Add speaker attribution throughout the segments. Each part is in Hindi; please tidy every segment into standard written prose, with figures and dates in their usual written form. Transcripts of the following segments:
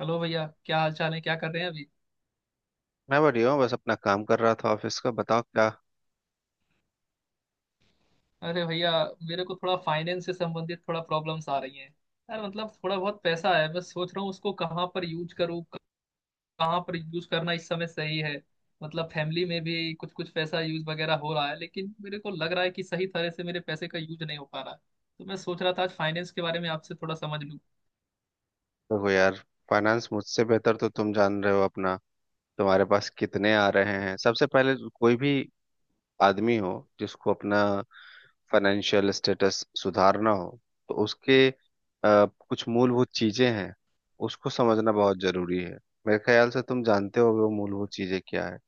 Speaker 1: हेलो भैया। क्या हाल चाल है? क्या कर रहे हैं अभी?
Speaker 2: मैं बढ़िया हूँ। बस अपना काम कर रहा था ऑफिस का। बताओ क्या।
Speaker 1: अरे भैया, मेरे को थोड़ा फाइनेंस से संबंधित थोड़ा प्रॉब्लम्स आ रही हैं। यार, मतलब थोड़ा बहुत पैसा है, मैं सोच रहा हूँ उसको कहाँ पर यूज करूँ। कहाँ पर यूज करना इस समय सही है। मतलब फैमिली में भी कुछ कुछ पैसा यूज वगैरह हो रहा है, लेकिन मेरे को लग रहा है कि सही तरह से मेरे पैसे का यूज नहीं हो पा रहा है। तो मैं सोच रहा था आज फाइनेंस के बारे में आपसे थोड़ा समझ लूँ।
Speaker 2: देखो यार, फाइनेंस मुझसे बेहतर तो तुम जान रहे हो अपना। तुम्हारे पास कितने आ रहे हैं? सबसे पहले, कोई भी आदमी हो जिसको अपना फाइनेंशियल स्टेटस सुधारना हो, तो उसके कुछ मूलभूत चीजें हैं। उसको समझना बहुत जरूरी है। मेरे ख्याल से तुम जानते होगे वो मूलभूत चीजें क्या है।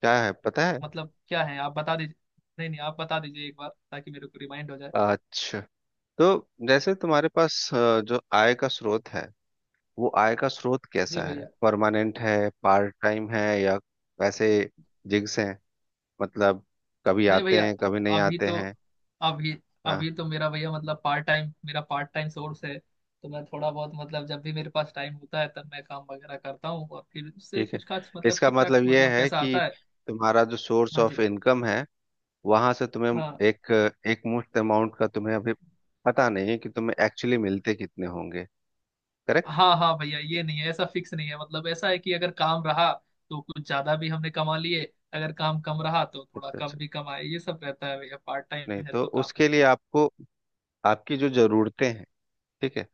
Speaker 2: क्या है, पता है?
Speaker 1: मतलब क्या है? आप बता दीजिए। नहीं नहीं, आप बता दीजिए एक बार ताकि मेरे को रिमाइंड हो जाए।
Speaker 2: अच्छा, तो जैसे तुम्हारे पास जो आय का स्रोत है, वो आय का स्रोत
Speaker 1: जी
Speaker 2: कैसा है?
Speaker 1: भैया।
Speaker 2: परमानेंट है, पार्ट टाइम है, या वैसे जिग्स हैं? मतलब कभी
Speaker 1: नहीं
Speaker 2: आते
Speaker 1: भैया,
Speaker 2: हैं कभी नहीं
Speaker 1: अभी
Speaker 2: आते
Speaker 1: तो
Speaker 2: हैं।
Speaker 1: अभी
Speaker 2: हाँ।
Speaker 1: अभी तो मेरा भैया, मतलब पार्ट टाइम मेरा पार्ट टाइम सोर्स है। तो मैं थोड़ा बहुत, मतलब जब भी मेरे पास टाइम होता है तब मैं काम वगैरह करता हूँ, और फिर उससे
Speaker 2: ठीक है।
Speaker 1: कुछ खास, मतलब
Speaker 2: इसका
Speaker 1: ठीक ठाक
Speaker 2: मतलब यह
Speaker 1: मतलब
Speaker 2: है
Speaker 1: पैसा
Speaker 2: कि
Speaker 1: आता है।
Speaker 2: तुम्हारा जो सोर्स
Speaker 1: हाँ
Speaker 2: ऑफ
Speaker 1: जी।
Speaker 2: इनकम है, वहां से तुम्हें
Speaker 1: हाँ।
Speaker 2: एक एक मुश्त अमाउंट का तुम्हें अभी पता नहीं है कि तुम्हें एक्चुअली मिलते कितने होंगे। करेक्ट।
Speaker 1: हाँ हाँ भैया, ये नहीं है, ऐसा फिक्स नहीं है। मतलब ऐसा है कि अगर काम रहा तो कुछ ज्यादा भी हमने कमा लिए। अगर काम कम रहा तो थोड़ा
Speaker 2: अच्छा
Speaker 1: कम
Speaker 2: अच्छा।
Speaker 1: भी कमाए। ये सब रहता है भैया, पार्ट
Speaker 2: नहीं,
Speaker 1: टाइम है
Speaker 2: तो
Speaker 1: तो काम।
Speaker 2: उसके लिए आपको, आपकी जो जरूरतें हैं, ठीक है,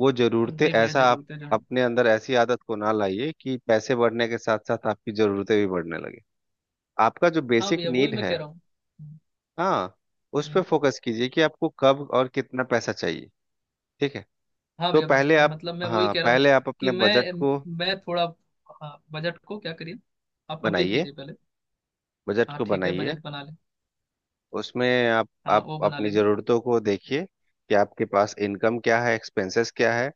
Speaker 2: वो जरूरतें
Speaker 1: जी भैया,
Speaker 2: ऐसा, आप
Speaker 1: जरूरतें जो है।
Speaker 2: अपने अंदर ऐसी आदत को ना लाइए कि पैसे बढ़ने के साथ साथ आपकी जरूरतें भी बढ़ने लगे। आपका जो
Speaker 1: हाँ
Speaker 2: बेसिक
Speaker 1: भैया, वही
Speaker 2: नीड
Speaker 1: मैं
Speaker 2: है,
Speaker 1: कह रहा हूँ। हम्म।
Speaker 2: हाँ, उस पे
Speaker 1: हम्म।
Speaker 2: फोकस कीजिए कि आपको कब और कितना पैसा चाहिए। ठीक है।
Speaker 1: हाँ
Speaker 2: तो
Speaker 1: भैया।
Speaker 2: पहले आप,
Speaker 1: मतलब मैं वही
Speaker 2: हाँ,
Speaker 1: कह रहा हूँ।
Speaker 2: पहले आप
Speaker 1: कि
Speaker 2: अपने बजट
Speaker 1: मैं
Speaker 2: को
Speaker 1: मैं थोड़ा। हाँ, बजट को क्या करिए? आप कंप्लीट
Speaker 2: बनाइए।
Speaker 1: कीजिए पहले।
Speaker 2: बजट
Speaker 1: हाँ
Speaker 2: को
Speaker 1: ठीक है,
Speaker 2: बनाइए।
Speaker 1: बजट बना लें।
Speaker 2: उसमें आप
Speaker 1: हाँ
Speaker 2: आप
Speaker 1: वो बना
Speaker 2: अपनी
Speaker 1: लेंगे।
Speaker 2: जरूरतों को देखिए कि आपके पास इनकम क्या है, एक्सपेंसेस क्या है।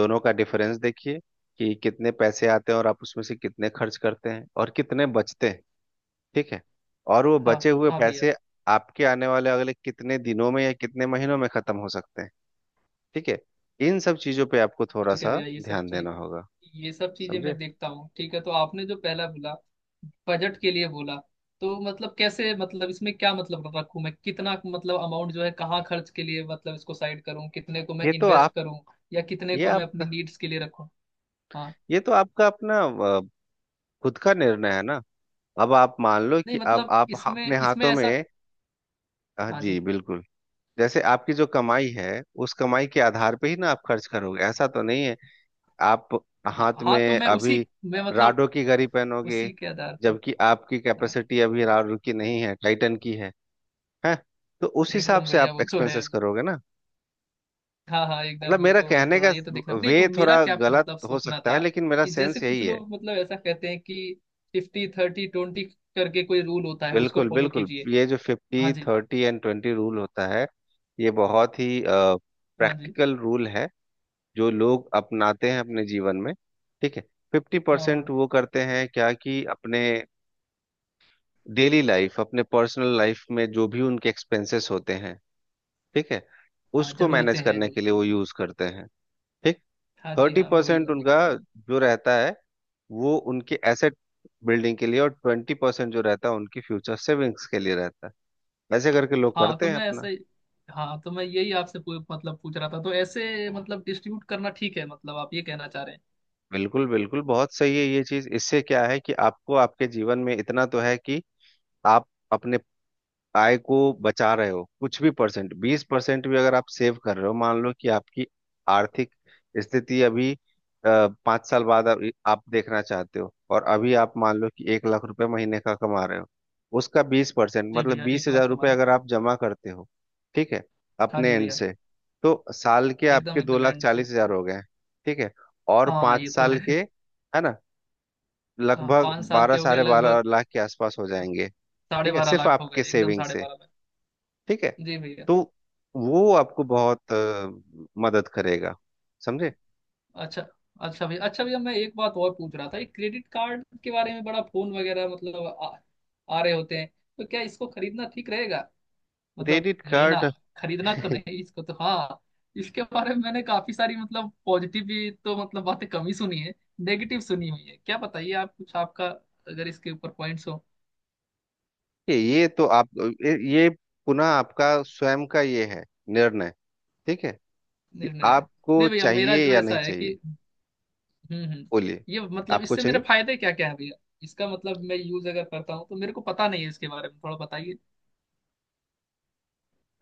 Speaker 2: दोनों का डिफरेंस देखिए, कि कितने पैसे आते हैं और आप उसमें से कितने खर्च करते हैं और कितने बचते हैं। ठीक है। और वो
Speaker 1: हाँ
Speaker 2: बचे हुए
Speaker 1: हाँ भैया।
Speaker 2: पैसे आपके आने वाले अगले कितने दिनों में या कितने महीनों में खत्म हो सकते हैं। ठीक है। इन सब चीजों पे आपको थोड़ा
Speaker 1: ठीक है
Speaker 2: सा
Speaker 1: भैया,
Speaker 2: ध्यान देना होगा,
Speaker 1: ये सब चीजें
Speaker 2: समझे।
Speaker 1: मैं देखता हूँ। ठीक है, तो आपने जो पहला बोला, बजट के लिए बोला। तो मतलब कैसे, मतलब इसमें क्या मतलब रखूं, मैं कितना मतलब अमाउंट जो है कहाँ खर्च के लिए मतलब इसको साइड करूँ, कितने को मैं
Speaker 2: ये तो आप
Speaker 1: इन्वेस्ट करूँ, या कितने
Speaker 2: ये
Speaker 1: को मैं अपनी
Speaker 2: आपका
Speaker 1: नीड्स के लिए रखूँ। हाँ।
Speaker 2: ये तो आपका अपना अ, खुद का निर्णय है ना। अब आप मान लो
Speaker 1: नहीं
Speaker 2: कि अब
Speaker 1: मतलब
Speaker 2: आप अपने
Speaker 1: इसमें इसमें
Speaker 2: हाथों
Speaker 1: ऐसा।
Speaker 2: में,
Speaker 1: हाँ
Speaker 2: जी
Speaker 1: जी।
Speaker 2: बिल्कुल। जैसे आपकी जो कमाई है, उस कमाई के आधार पे ही ना आप खर्च करोगे, ऐसा तो नहीं है। आप
Speaker 1: हाँ
Speaker 2: हाथ
Speaker 1: हाँ, तो
Speaker 2: में
Speaker 1: मैं उसी,
Speaker 2: अभी
Speaker 1: मैं मतलब
Speaker 2: राडो की घड़ी पहनोगे
Speaker 1: उसी के आधार पे।
Speaker 2: जबकि आपकी
Speaker 1: हाँ
Speaker 2: कैपेसिटी अभी राडो की नहीं है, टाइटन की है। हैं? तो उस हिसाब
Speaker 1: एकदम
Speaker 2: से
Speaker 1: भैया,
Speaker 2: आप
Speaker 1: वो तो है।
Speaker 2: एक्सपेंसेस करोगे ना।
Speaker 1: हाँ हाँ एकदम,
Speaker 2: मतलब
Speaker 1: ये
Speaker 2: मेरा
Speaker 1: तो है,
Speaker 2: कहने
Speaker 1: थोड़ा
Speaker 2: का,
Speaker 1: ये तो देखना, नहीं
Speaker 2: वे
Speaker 1: तो मेरा
Speaker 2: थोड़ा
Speaker 1: क्या
Speaker 2: गलत
Speaker 1: मतलब
Speaker 2: हो
Speaker 1: सोचना
Speaker 2: सकता है
Speaker 1: था।
Speaker 2: लेकिन मेरा
Speaker 1: कि जैसे
Speaker 2: सेंस
Speaker 1: कुछ
Speaker 2: यही है।
Speaker 1: लोग मतलब ऐसा कहते हैं कि 50/30/20 करके कोई रूल होता है, उसको
Speaker 2: बिल्कुल
Speaker 1: फॉलो
Speaker 2: बिल्कुल।
Speaker 1: कीजिए।
Speaker 2: ये जो
Speaker 1: हाँ
Speaker 2: फिफ्टी
Speaker 1: जी।
Speaker 2: थर्टी एंड ट्वेंटी रूल होता है, ये बहुत ही
Speaker 1: हाँ जी।
Speaker 2: प्रैक्टिकल रूल है जो लोग अपनाते हैं अपने जीवन में। ठीक है। फिफ्टी
Speaker 1: हाँ
Speaker 2: परसेंट
Speaker 1: हाँ।
Speaker 2: वो करते हैं क्या, कि अपने डेली लाइफ, अपने पर्सनल लाइफ में जो भी उनके एक्सपेंसेस होते हैं, ठीक है,
Speaker 1: हाँ,
Speaker 2: उसको
Speaker 1: जरूरतें
Speaker 2: मैनेज
Speaker 1: हैं
Speaker 2: करने
Speaker 1: जो,
Speaker 2: के लिए वो
Speaker 1: ठीक है।
Speaker 2: यूज करते हैं। ठीक।
Speaker 1: हाँ जी
Speaker 2: थर्टी
Speaker 1: हाँ, वही
Speaker 2: परसेंट
Speaker 1: मैं भी
Speaker 2: उनका
Speaker 1: कह रहा हूँ।
Speaker 2: जो रहता है, वो उनके एसेट बिल्डिंग के लिए, और 20% जो रहता है, उनकी फ्यूचर सेविंग्स के लिए रहता है। वैसे करके लोग
Speaker 1: हाँ तो
Speaker 2: करते हैं
Speaker 1: मैं
Speaker 2: अपना।
Speaker 1: ऐसे ही। हाँ तो मैं यही आपसे मतलब पूछ रहा था, तो ऐसे मतलब डिस्ट्रीब्यूट करना ठीक है, मतलब आप ये कहना चाह रहे हैं?
Speaker 2: बिल्कुल बिल्कुल, बहुत सही है ये चीज। इससे क्या है कि आपको आपके जीवन में इतना तो है कि आप अपने आय को बचा रहे हो। कुछ भी परसेंट, 20% भी अगर आप सेव कर रहे हो, मान लो कि आपकी आर्थिक स्थिति अभी, 5 साल बाद आप देखना चाहते हो, और अभी आप मान लो कि 1 लाख रुपए महीने का कमा रहे हो, उसका 20%,
Speaker 1: जी
Speaker 2: मतलब
Speaker 1: भैया, एक
Speaker 2: बीस
Speaker 1: लाख
Speaker 2: हजार
Speaker 1: का
Speaker 2: रुपये
Speaker 1: मारा।
Speaker 2: अगर आप जमा करते हो, ठीक है,
Speaker 1: हाँ
Speaker 2: अपने
Speaker 1: जी
Speaker 2: एंड
Speaker 1: भैया।
Speaker 2: से, तो साल के
Speaker 1: एकदम
Speaker 2: आपके दो
Speaker 1: एकदम
Speaker 2: लाख
Speaker 1: एंड से
Speaker 2: चालीस हजार
Speaker 1: चला
Speaker 2: हो
Speaker 1: था।
Speaker 2: गए। ठीक है। और
Speaker 1: हाँ
Speaker 2: पांच
Speaker 1: ये तो
Speaker 2: साल
Speaker 1: है।
Speaker 2: के, है ना,
Speaker 1: हाँ,
Speaker 2: लगभग
Speaker 1: 5 साल
Speaker 2: बारह,
Speaker 1: के हो गए
Speaker 2: साढ़े
Speaker 1: लगभग।
Speaker 2: बारह लाख के आसपास हो जाएंगे।
Speaker 1: साढ़े
Speaker 2: ठीक है,
Speaker 1: बारह
Speaker 2: सिर्फ
Speaker 1: लाख हो गए,
Speaker 2: आपके
Speaker 1: एकदम
Speaker 2: सेविंग
Speaker 1: साढ़े
Speaker 2: से।
Speaker 1: बारह लाख
Speaker 2: ठीक है।
Speaker 1: जी भैया।
Speaker 2: तो वो आपको बहुत मदद करेगा, समझे।
Speaker 1: अच्छा। अच्छा भैया, अच्छा भैया, मैं एक बात और पूछ रहा था, ये क्रेडिट कार्ड के बारे में बड़ा फोन वगैरह मतलब आ रहे होते हैं। तो क्या इसको खरीदना ठीक रहेगा? मतलब
Speaker 2: क्रेडिट
Speaker 1: लेना।
Speaker 2: कार्ड।
Speaker 1: खरीदना तो नहीं, इसको तो हाँ। इसके बारे में मैंने काफी सारी मतलब पॉजिटिव भी तो मतलब बातें कम ही सुनी है। नेगेटिव सुनी हुई है। क्या बताइए, आप कुछ आपका, अगर इसके ऊपर पॉइंट्स हो।
Speaker 2: ये ये तो आप ये पुनः आपका स्वयं का ये है निर्णय। ठीक है, कि
Speaker 1: नहीं नहीं।
Speaker 2: आपको
Speaker 1: नहीं भैया, मेरा
Speaker 2: चाहिए
Speaker 1: जो
Speaker 2: या
Speaker 1: ऐसा
Speaker 2: नहीं
Speaker 1: है
Speaker 2: चाहिए।
Speaker 1: कि, हम्म।
Speaker 2: बोलिए।
Speaker 1: ये मतलब
Speaker 2: आपको
Speaker 1: इससे मेरे
Speaker 2: चाहिए।
Speaker 1: फायदे क्या क्या है भैया? इसका मतलब मैं यूज अगर करता हूँ तो मेरे को पता नहीं है, इसके बारे में थोड़ा बताइए।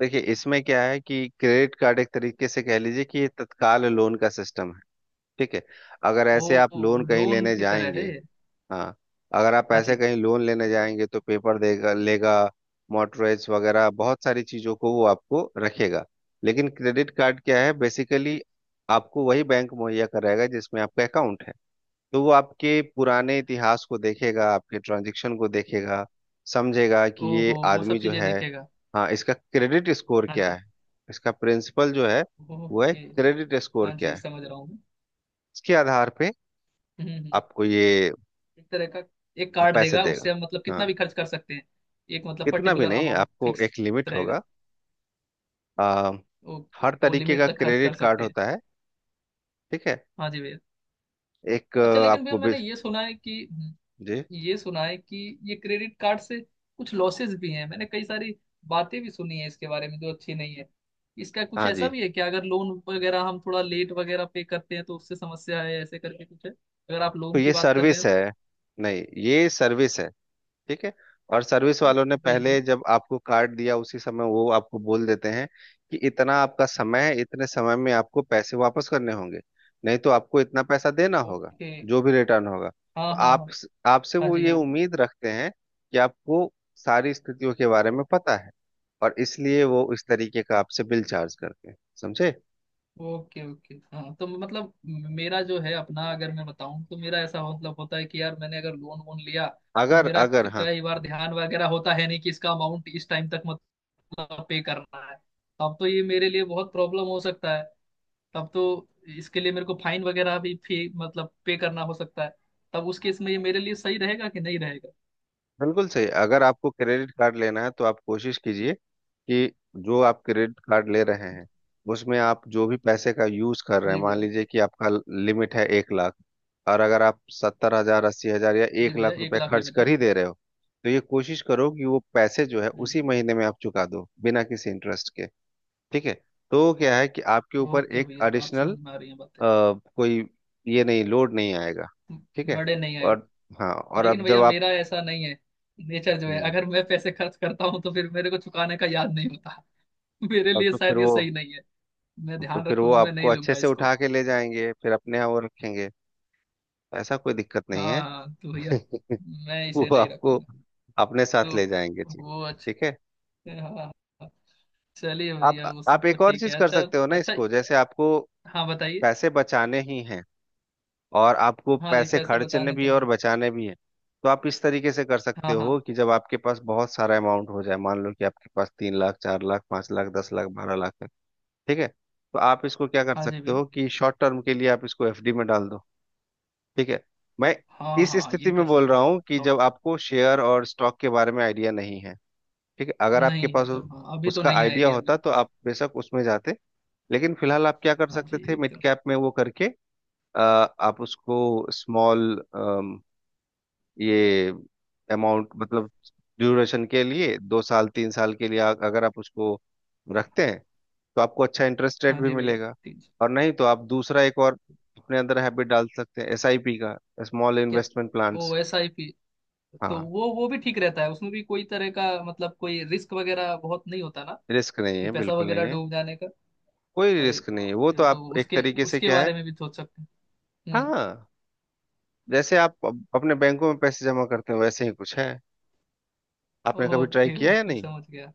Speaker 2: देखिए, इसमें क्या है कि क्रेडिट कार्ड एक तरीके से कह लीजिए कि ये तत्काल लोन का सिस्टम है। ठीक है। अगर
Speaker 1: ओ,
Speaker 2: ऐसे आप लोन कहीं
Speaker 1: लोन
Speaker 2: लेने
Speaker 1: की तरह
Speaker 2: जाएंगे,
Speaker 1: है ये?
Speaker 2: हाँ, अगर आप
Speaker 1: हाँ
Speaker 2: पैसे
Speaker 1: जी।
Speaker 2: कहीं लोन लेने जाएंगे तो पेपर देगा लेगा, मॉर्टगेज वगैरह बहुत सारी चीजों को वो आपको रखेगा। लेकिन क्रेडिट कार्ड क्या है बेसिकली, आपको वही बैंक मुहैया कराएगा जिसमें आपका अकाउंट है। तो वो आपके पुराने इतिहास को देखेगा, आपके ट्रांजेक्शन को देखेगा, समझेगा कि ये
Speaker 1: ओहो, वो
Speaker 2: आदमी
Speaker 1: सब
Speaker 2: जो
Speaker 1: चीजें
Speaker 2: है,
Speaker 1: देखेगा।
Speaker 2: हाँ, इसका क्रेडिट स्कोर
Speaker 1: हाँ
Speaker 2: क्या
Speaker 1: जी।
Speaker 2: है, इसका प्रिंसिपल जो है वो है,
Speaker 1: ओके।
Speaker 2: क्रेडिट स्कोर
Speaker 1: हाँ
Speaker 2: क्या
Speaker 1: जी,
Speaker 2: है।
Speaker 1: समझ रहा हूँ मैं।
Speaker 2: इसके आधार पे
Speaker 1: हम्म।
Speaker 2: आपको ये
Speaker 1: एक तरह का, एक कार्ड
Speaker 2: पैसे
Speaker 1: देगा, उससे
Speaker 2: देगा।
Speaker 1: हम मतलब
Speaker 2: हाँ।
Speaker 1: कितना भी खर्च कर सकते हैं। एक मतलब
Speaker 2: इतना भी
Speaker 1: पर्टिकुलर
Speaker 2: नहीं,
Speaker 1: अमाउंट
Speaker 2: आपको
Speaker 1: फिक्स
Speaker 2: एक लिमिट
Speaker 1: रहेगा।
Speaker 2: होगा। आ,
Speaker 1: ओके,
Speaker 2: हर
Speaker 1: वो
Speaker 2: तरीके
Speaker 1: लिमिट
Speaker 2: का
Speaker 1: तक खर्च
Speaker 2: क्रेडिट
Speaker 1: कर
Speaker 2: कार्ड
Speaker 1: सकते हैं।
Speaker 2: होता है। ठीक है।
Speaker 1: हाँ जी भैया।
Speaker 2: एक
Speaker 1: अच्छा लेकिन भैया,
Speaker 2: आपको भी
Speaker 1: मैंने ये सुना है कि
Speaker 2: जी।
Speaker 1: ये सुना है कि ये क्रेडिट कार्ड से कुछ लॉसेस भी हैं, मैंने कई सारी बातें भी सुनी है इसके बारे में जो अच्छी नहीं है। इसका कुछ
Speaker 2: हाँ
Speaker 1: ऐसा
Speaker 2: जी।
Speaker 1: भी है कि अगर लोन वगैरह हम थोड़ा लेट वगैरह पे करते हैं तो उससे समस्या है, ऐसे करके कुछ है अगर आप
Speaker 2: तो
Speaker 1: लोन की
Speaker 2: ये
Speaker 1: बात कर रहे
Speaker 2: सर्विस
Speaker 1: हैं
Speaker 2: है।
Speaker 1: तो।
Speaker 2: नहीं, ये सर्विस है। ठीक है। और सर्विस वालों ने
Speaker 1: जी जी।
Speaker 2: पहले जब आपको कार्ड दिया उसी समय वो आपको बोल देते हैं कि इतना आपका समय है, इतने समय में आपको पैसे वापस करने होंगे, नहीं तो आपको इतना पैसा देना होगा,
Speaker 1: ओके।
Speaker 2: जो भी रिटर्न होगा।
Speaker 1: हाँ
Speaker 2: तो
Speaker 1: हाँ
Speaker 2: आप,
Speaker 1: हाँ।
Speaker 2: आपसे
Speaker 1: हाँ
Speaker 2: वो
Speaker 1: जी
Speaker 2: ये
Speaker 1: हाँ।
Speaker 2: उम्मीद रखते हैं कि आपको सारी स्थितियों के बारे में पता है, और इसलिए वो इस तरीके का आपसे बिल चार्ज करते हैं, समझे।
Speaker 1: ओके ओके, हाँ तो मतलब मेरा जो है अपना, अगर मैं बताऊं तो मेरा ऐसा मतलब होता है कि यार, मैंने अगर लोन वोन लिया, तो
Speaker 2: अगर
Speaker 1: मेरा
Speaker 2: अगर हाँ,
Speaker 1: कई बार ध्यान वगैरह होता है नहीं कि इसका अमाउंट इस टाइम तक पे करना है। तब तो ये मेरे लिए बहुत प्रॉब्लम हो सकता है। तब तो इसके लिए मेरे को फाइन वगैरह भी फी मतलब पे करना हो सकता है। तब उस केस में ये मेरे लिए सही रहेगा कि नहीं रहेगा?
Speaker 2: बिल्कुल सही। अगर आपको क्रेडिट कार्ड लेना है तो आप कोशिश कीजिए कि जो आप क्रेडिट कार्ड ले रहे हैं, उसमें आप जो भी पैसे का यूज कर रहे हैं,
Speaker 1: जी
Speaker 2: मान
Speaker 1: भैया।
Speaker 2: लीजिए कि आपका लिमिट है 1 लाख, और अगर आप 70 हजार, 80 हजार या
Speaker 1: जी
Speaker 2: एक
Speaker 1: भैया,
Speaker 2: लाख
Speaker 1: एक
Speaker 2: रुपए
Speaker 1: लाख
Speaker 2: खर्च
Speaker 1: लिमिट
Speaker 2: कर
Speaker 1: है।
Speaker 2: ही दे रहे हो, तो ये कोशिश करो कि वो पैसे जो है
Speaker 1: हम्म।
Speaker 2: उसी महीने में आप चुका दो, बिना किसी इंटरेस्ट के। ठीक है। तो क्या है कि आपके ऊपर
Speaker 1: ओके
Speaker 2: एक
Speaker 1: भैया, आप
Speaker 2: एडिशनल
Speaker 1: समझ में आ रही हैं बातें।
Speaker 2: कोई ये नहीं, लोड नहीं आएगा। ठीक है।
Speaker 1: बड़े नहीं आए।
Speaker 2: और, हाँ, और
Speaker 1: लेकिन
Speaker 2: अब जब
Speaker 1: भैया
Speaker 2: आप,
Speaker 1: मेरा ऐसा नहीं है। नेचर जो है,
Speaker 2: हम्म।
Speaker 1: अगर मैं पैसे खर्च करता हूँ तो फिर मेरे को चुकाने का याद नहीं होता। मेरे
Speaker 2: तब
Speaker 1: लिए
Speaker 2: तो फिर
Speaker 1: शायद ये
Speaker 2: वो
Speaker 1: सही नहीं है। मैं
Speaker 2: तो
Speaker 1: ध्यान
Speaker 2: फिर वो
Speaker 1: रखूंगा, मैं
Speaker 2: आपको
Speaker 1: नहीं
Speaker 2: अच्छे
Speaker 1: लूंगा
Speaker 2: से
Speaker 1: इसको।
Speaker 2: उठा के ले जाएंगे, फिर अपने यहाँ वो रखेंगे। ऐसा, कोई दिक्कत नहीं
Speaker 1: हाँ
Speaker 2: है।
Speaker 1: हाँ तो भैया, मैं
Speaker 2: वो
Speaker 1: इसे नहीं
Speaker 2: आपको
Speaker 1: रखूंगा।
Speaker 2: अपने साथ
Speaker 1: तो
Speaker 2: ले जाएंगे जी।
Speaker 1: वो
Speaker 2: ठीक
Speaker 1: अच्छा।
Speaker 2: है।
Speaker 1: हाँ हाँ। हाँ। चलिए
Speaker 2: आप
Speaker 1: भैया, वो
Speaker 2: आप
Speaker 1: सब तो
Speaker 2: एक और
Speaker 1: ठीक
Speaker 2: चीज
Speaker 1: है,
Speaker 2: कर
Speaker 1: अच्छा।
Speaker 2: सकते हो ना,
Speaker 1: अच्छा,
Speaker 2: इसको, जैसे आपको
Speaker 1: हाँ बताइए।
Speaker 2: पैसे बचाने ही हैं, और आपको
Speaker 1: हाँ जी,
Speaker 2: पैसे
Speaker 1: पैसे
Speaker 2: खर्चने
Speaker 1: बचाने
Speaker 2: भी
Speaker 1: तो
Speaker 2: है और
Speaker 1: हैं।
Speaker 2: बचाने भी है। तो आप इस तरीके से कर सकते
Speaker 1: हाँ
Speaker 2: हो
Speaker 1: हाँ।
Speaker 2: कि जब आपके पास बहुत सारा अमाउंट हो जाए, मान लो कि आपके पास 3 लाख, 4 लाख, 5 लाख, 10 लाख, 12 लाख है, ठीक है, तो आप इसको क्या कर
Speaker 1: हाँ जी
Speaker 2: सकते
Speaker 1: भैया।
Speaker 2: हो कि शॉर्ट टर्म के लिए आप इसको एफडी में डाल दो। ठीक है। मैं
Speaker 1: हाँ
Speaker 2: इस
Speaker 1: हाँ, ये
Speaker 2: स्थिति में
Speaker 1: कर
Speaker 2: बोल
Speaker 1: सकते
Speaker 2: रहा
Speaker 1: हैं।
Speaker 2: हूँ कि
Speaker 1: शॉर्ट
Speaker 2: जब
Speaker 1: टर्म,
Speaker 2: आपको शेयर और स्टॉक के बारे में आइडिया नहीं है। ठीक है। अगर आपके
Speaker 1: नहीं
Speaker 2: पास
Speaker 1: है तो हाँ, अभी तो
Speaker 2: उसका
Speaker 1: नहीं
Speaker 2: आइडिया
Speaker 1: आइडिया
Speaker 2: होता
Speaker 1: मेरे
Speaker 2: तो
Speaker 1: पास।
Speaker 2: आप बेशक उसमें जाते, लेकिन फिलहाल आप क्या कर
Speaker 1: हाँ जी
Speaker 2: सकते थे, मिड
Speaker 1: एकदम।
Speaker 2: कैप में वो करके, अ, आप उसको स्मॉल, ये अमाउंट मतलब ड्यूरेशन के लिए, 2 साल 3 साल के लिए अगर आप उसको रखते हैं, तो आपको अच्छा इंटरेस्ट रेट
Speaker 1: हाँ
Speaker 2: भी
Speaker 1: जी भैया।
Speaker 2: मिलेगा।
Speaker 1: ठीक जी।
Speaker 2: और नहीं तो आप दूसरा एक और अपने अंदर हैबिट डाल सकते हैं एसआईपी का, स्मॉल
Speaker 1: क्या?
Speaker 2: Investment plans.
Speaker 1: ओ, SIP? तो
Speaker 2: हाँ।
Speaker 1: वो भी ठीक रहता है, उसमें भी कोई तरह का मतलब कोई रिस्क वगैरह बहुत नहीं होता ना?
Speaker 2: रिस्क नहीं
Speaker 1: कि
Speaker 2: है,
Speaker 1: पैसा
Speaker 2: बिल्कुल नहीं
Speaker 1: वगैरह
Speaker 2: है।
Speaker 1: डूब जाने का?
Speaker 2: कोई
Speaker 1: अरे
Speaker 2: रिस्क नहीं
Speaker 1: वाह,
Speaker 2: है। वो
Speaker 1: फिर
Speaker 2: तो आप
Speaker 1: तो
Speaker 2: एक
Speaker 1: उसके
Speaker 2: तरीके से
Speaker 1: उसके
Speaker 2: क्या है,
Speaker 1: बारे में भी सोच सकते हैं। हम्म।
Speaker 2: हाँ, जैसे आप अपने बैंकों में पैसे जमा करते हो वैसे ही कुछ है। आपने कभी ट्राई
Speaker 1: ओके
Speaker 2: किया या
Speaker 1: ओके,
Speaker 2: नहीं?
Speaker 1: समझ गया।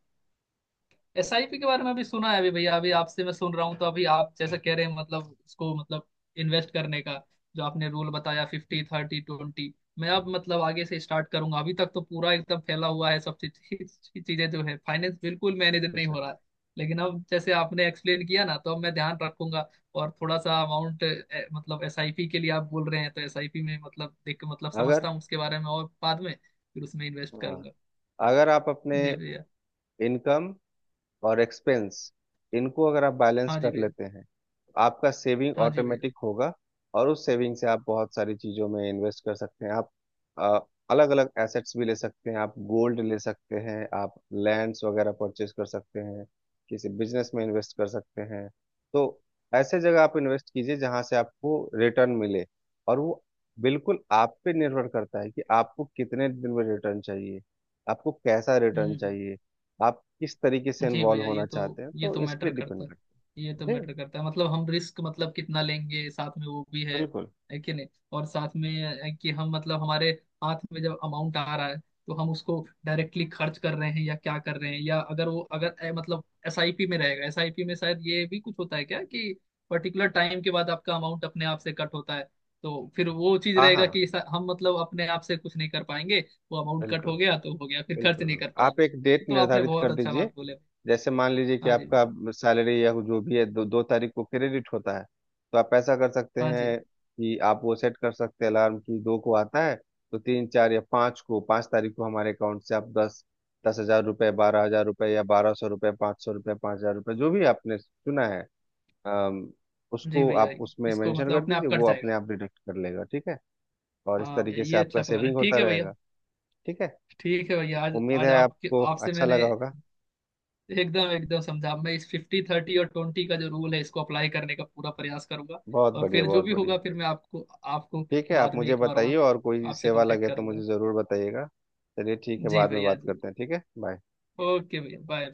Speaker 1: SIP के बारे में अभी सुना है, अभी भैया, अभी आपसे मैं सुन रहा हूँ, तो अभी आप जैसे कह रहे हैं मतलब इसको, मतलब इन्वेस्ट करने का जो आपने रूल बताया, 50/30/20। मैं अब मतलब आगे से स्टार्ट करूंगा, अभी तक तो पूरा एकदम फैला हुआ है, सब चीज, चीजें जो है फाइनेंस बिल्कुल मैनेज नहीं
Speaker 2: अच्छा।
Speaker 1: हो रहा है। लेकिन अब जैसे आपने एक्सप्लेन किया ना, तो अब मैं ध्यान रखूंगा। और थोड़ा सा अमाउंट, मतलब SIP के लिए आप बोल रहे हैं, तो SIP में मतलब देख मतलब
Speaker 2: अगर,
Speaker 1: समझता हूँ उसके बारे में, और बाद में फिर उसमें इन्वेस्ट
Speaker 2: हाँ,
Speaker 1: करूंगा।
Speaker 2: अगर आप अपने
Speaker 1: जी भैया।
Speaker 2: इनकम और एक्सपेंस, इनको अगर आप बैलेंस
Speaker 1: हाँ जी
Speaker 2: कर
Speaker 1: भैया।
Speaker 2: लेते हैं, आपका सेविंग
Speaker 1: हाँ जी भैया।
Speaker 2: ऑटोमेटिक होगा। और उस सेविंग से आप बहुत सारी चीज़ों में इन्वेस्ट कर सकते हैं। आप अलग अलग एसेट्स भी ले सकते हैं, आप गोल्ड ले सकते हैं, आप लैंड्स वगैरह परचेज कर सकते हैं, किसी बिजनेस में इन्वेस्ट कर सकते हैं। तो ऐसे जगह आप इन्वेस्ट कीजिए जहां से आपको रिटर्न मिले, और वो बिल्कुल आप पे निर्भर करता है कि आपको कितने दिन में रिटर्न चाहिए, आपको कैसा
Speaker 1: हम्म
Speaker 2: रिटर्न
Speaker 1: हम्म।
Speaker 2: चाहिए, आप किस तरीके से
Speaker 1: जी
Speaker 2: इन्वॉल्व
Speaker 1: भैया, ये
Speaker 2: होना
Speaker 1: तो
Speaker 2: चाहते हैं,
Speaker 1: ये
Speaker 2: तो
Speaker 1: तो
Speaker 2: इस पे
Speaker 1: मैटर करता
Speaker 2: डिपेंड
Speaker 1: है। ये तो
Speaker 2: करता है जी।
Speaker 1: मैटर करता है, मतलब हम रिस्क मतलब कितना लेंगे साथ में, वो भी है
Speaker 2: बिल्कुल।
Speaker 1: है कि नहीं। और साथ में, है कि हम मतलब हमारे हाथ में जब अमाउंट आ रहा है तो हम उसको डायरेक्टली खर्च कर रहे हैं या क्या कर रहे हैं, या अगर मतलब SIP में रहेगा, SIP में शायद ये भी कुछ होता है क्या कि पर्टिकुलर टाइम के बाद आपका अमाउंट अपने आप से कट होता है। तो फिर वो चीज
Speaker 2: हाँ
Speaker 1: रहेगा
Speaker 2: हाँ,
Speaker 1: कि हम मतलब अपने आप से कुछ नहीं कर पाएंगे। वो अमाउंट कट
Speaker 2: बिल्कुल
Speaker 1: हो गया तो हो गया, फिर खर्च
Speaker 2: बिल्कुल
Speaker 1: नहीं कर
Speaker 2: बिल्कुल। आप
Speaker 1: पाएंगे।
Speaker 2: एक डेट
Speaker 1: तो आपने
Speaker 2: निर्धारित
Speaker 1: बहुत
Speaker 2: कर
Speaker 1: अच्छा
Speaker 2: दीजिए।
Speaker 1: बात बोले।
Speaker 2: जैसे मान लीजिए कि
Speaker 1: हाँ जी
Speaker 2: आपका
Speaker 1: भैया।
Speaker 2: सैलरी या जो भी है दो दो तारीख को क्रेडिट होता है, तो आप ऐसा कर सकते
Speaker 1: हाँ जी।
Speaker 2: हैं कि आप वो सेट कर सकते हैं अलार्म की दो को आता है, तो तीन, चार या पाँच को, पाँच तारीख को हमारे अकाउंट से आप दस दस हजार रुपये, 12 हजार रुपये, या 1200 रुपये, 500 रुपये, 5 हजार रुपये, जो भी आपने चुना है, अम,
Speaker 1: जी
Speaker 2: उसको
Speaker 1: भैया,
Speaker 2: आप उसमें
Speaker 1: इसको
Speaker 2: मेंशन
Speaker 1: मतलब
Speaker 2: कर
Speaker 1: अपने
Speaker 2: दीजिए,
Speaker 1: आप कट
Speaker 2: वो
Speaker 1: जाएगा।
Speaker 2: अपने आप डिडक्ट कर लेगा। ठीक है। और इस
Speaker 1: हाँ भैया,
Speaker 2: तरीके से
Speaker 1: ये
Speaker 2: आपका
Speaker 1: अच्छा प्लान है,
Speaker 2: सेविंग
Speaker 1: ठीक
Speaker 2: होता
Speaker 1: है भैया।
Speaker 2: रहेगा। ठीक है।
Speaker 1: ठीक है भैया, आज
Speaker 2: उम्मीद है
Speaker 1: आज आपके
Speaker 2: आपको
Speaker 1: आपसे
Speaker 2: अच्छा
Speaker 1: मैंने
Speaker 2: लगा होगा।
Speaker 1: एकदम एकदम समझा। मैं इस 50/30 और 20 का जो रूल है, इसको अप्लाई करने का पूरा प्रयास करूंगा।
Speaker 2: बहुत
Speaker 1: और
Speaker 2: बढ़िया,
Speaker 1: फिर जो
Speaker 2: बहुत
Speaker 1: भी
Speaker 2: बढ़िया।
Speaker 1: होगा, फिर मैं आपको आपको
Speaker 2: ठीक है, आप
Speaker 1: बाद में
Speaker 2: मुझे
Speaker 1: एक बार
Speaker 2: बताइए,
Speaker 1: और
Speaker 2: और कोई
Speaker 1: आपसे
Speaker 2: सेवा
Speaker 1: कांटेक्ट
Speaker 2: लगे तो मुझे
Speaker 1: करूंगा।
Speaker 2: ज़रूर बताइएगा। चलिए, ठीक है,
Speaker 1: जी
Speaker 2: बाद में
Speaker 1: भैया
Speaker 2: बात
Speaker 1: जी।
Speaker 2: करते हैं। ठीक है, बाय।
Speaker 1: ओके भैया, बाय।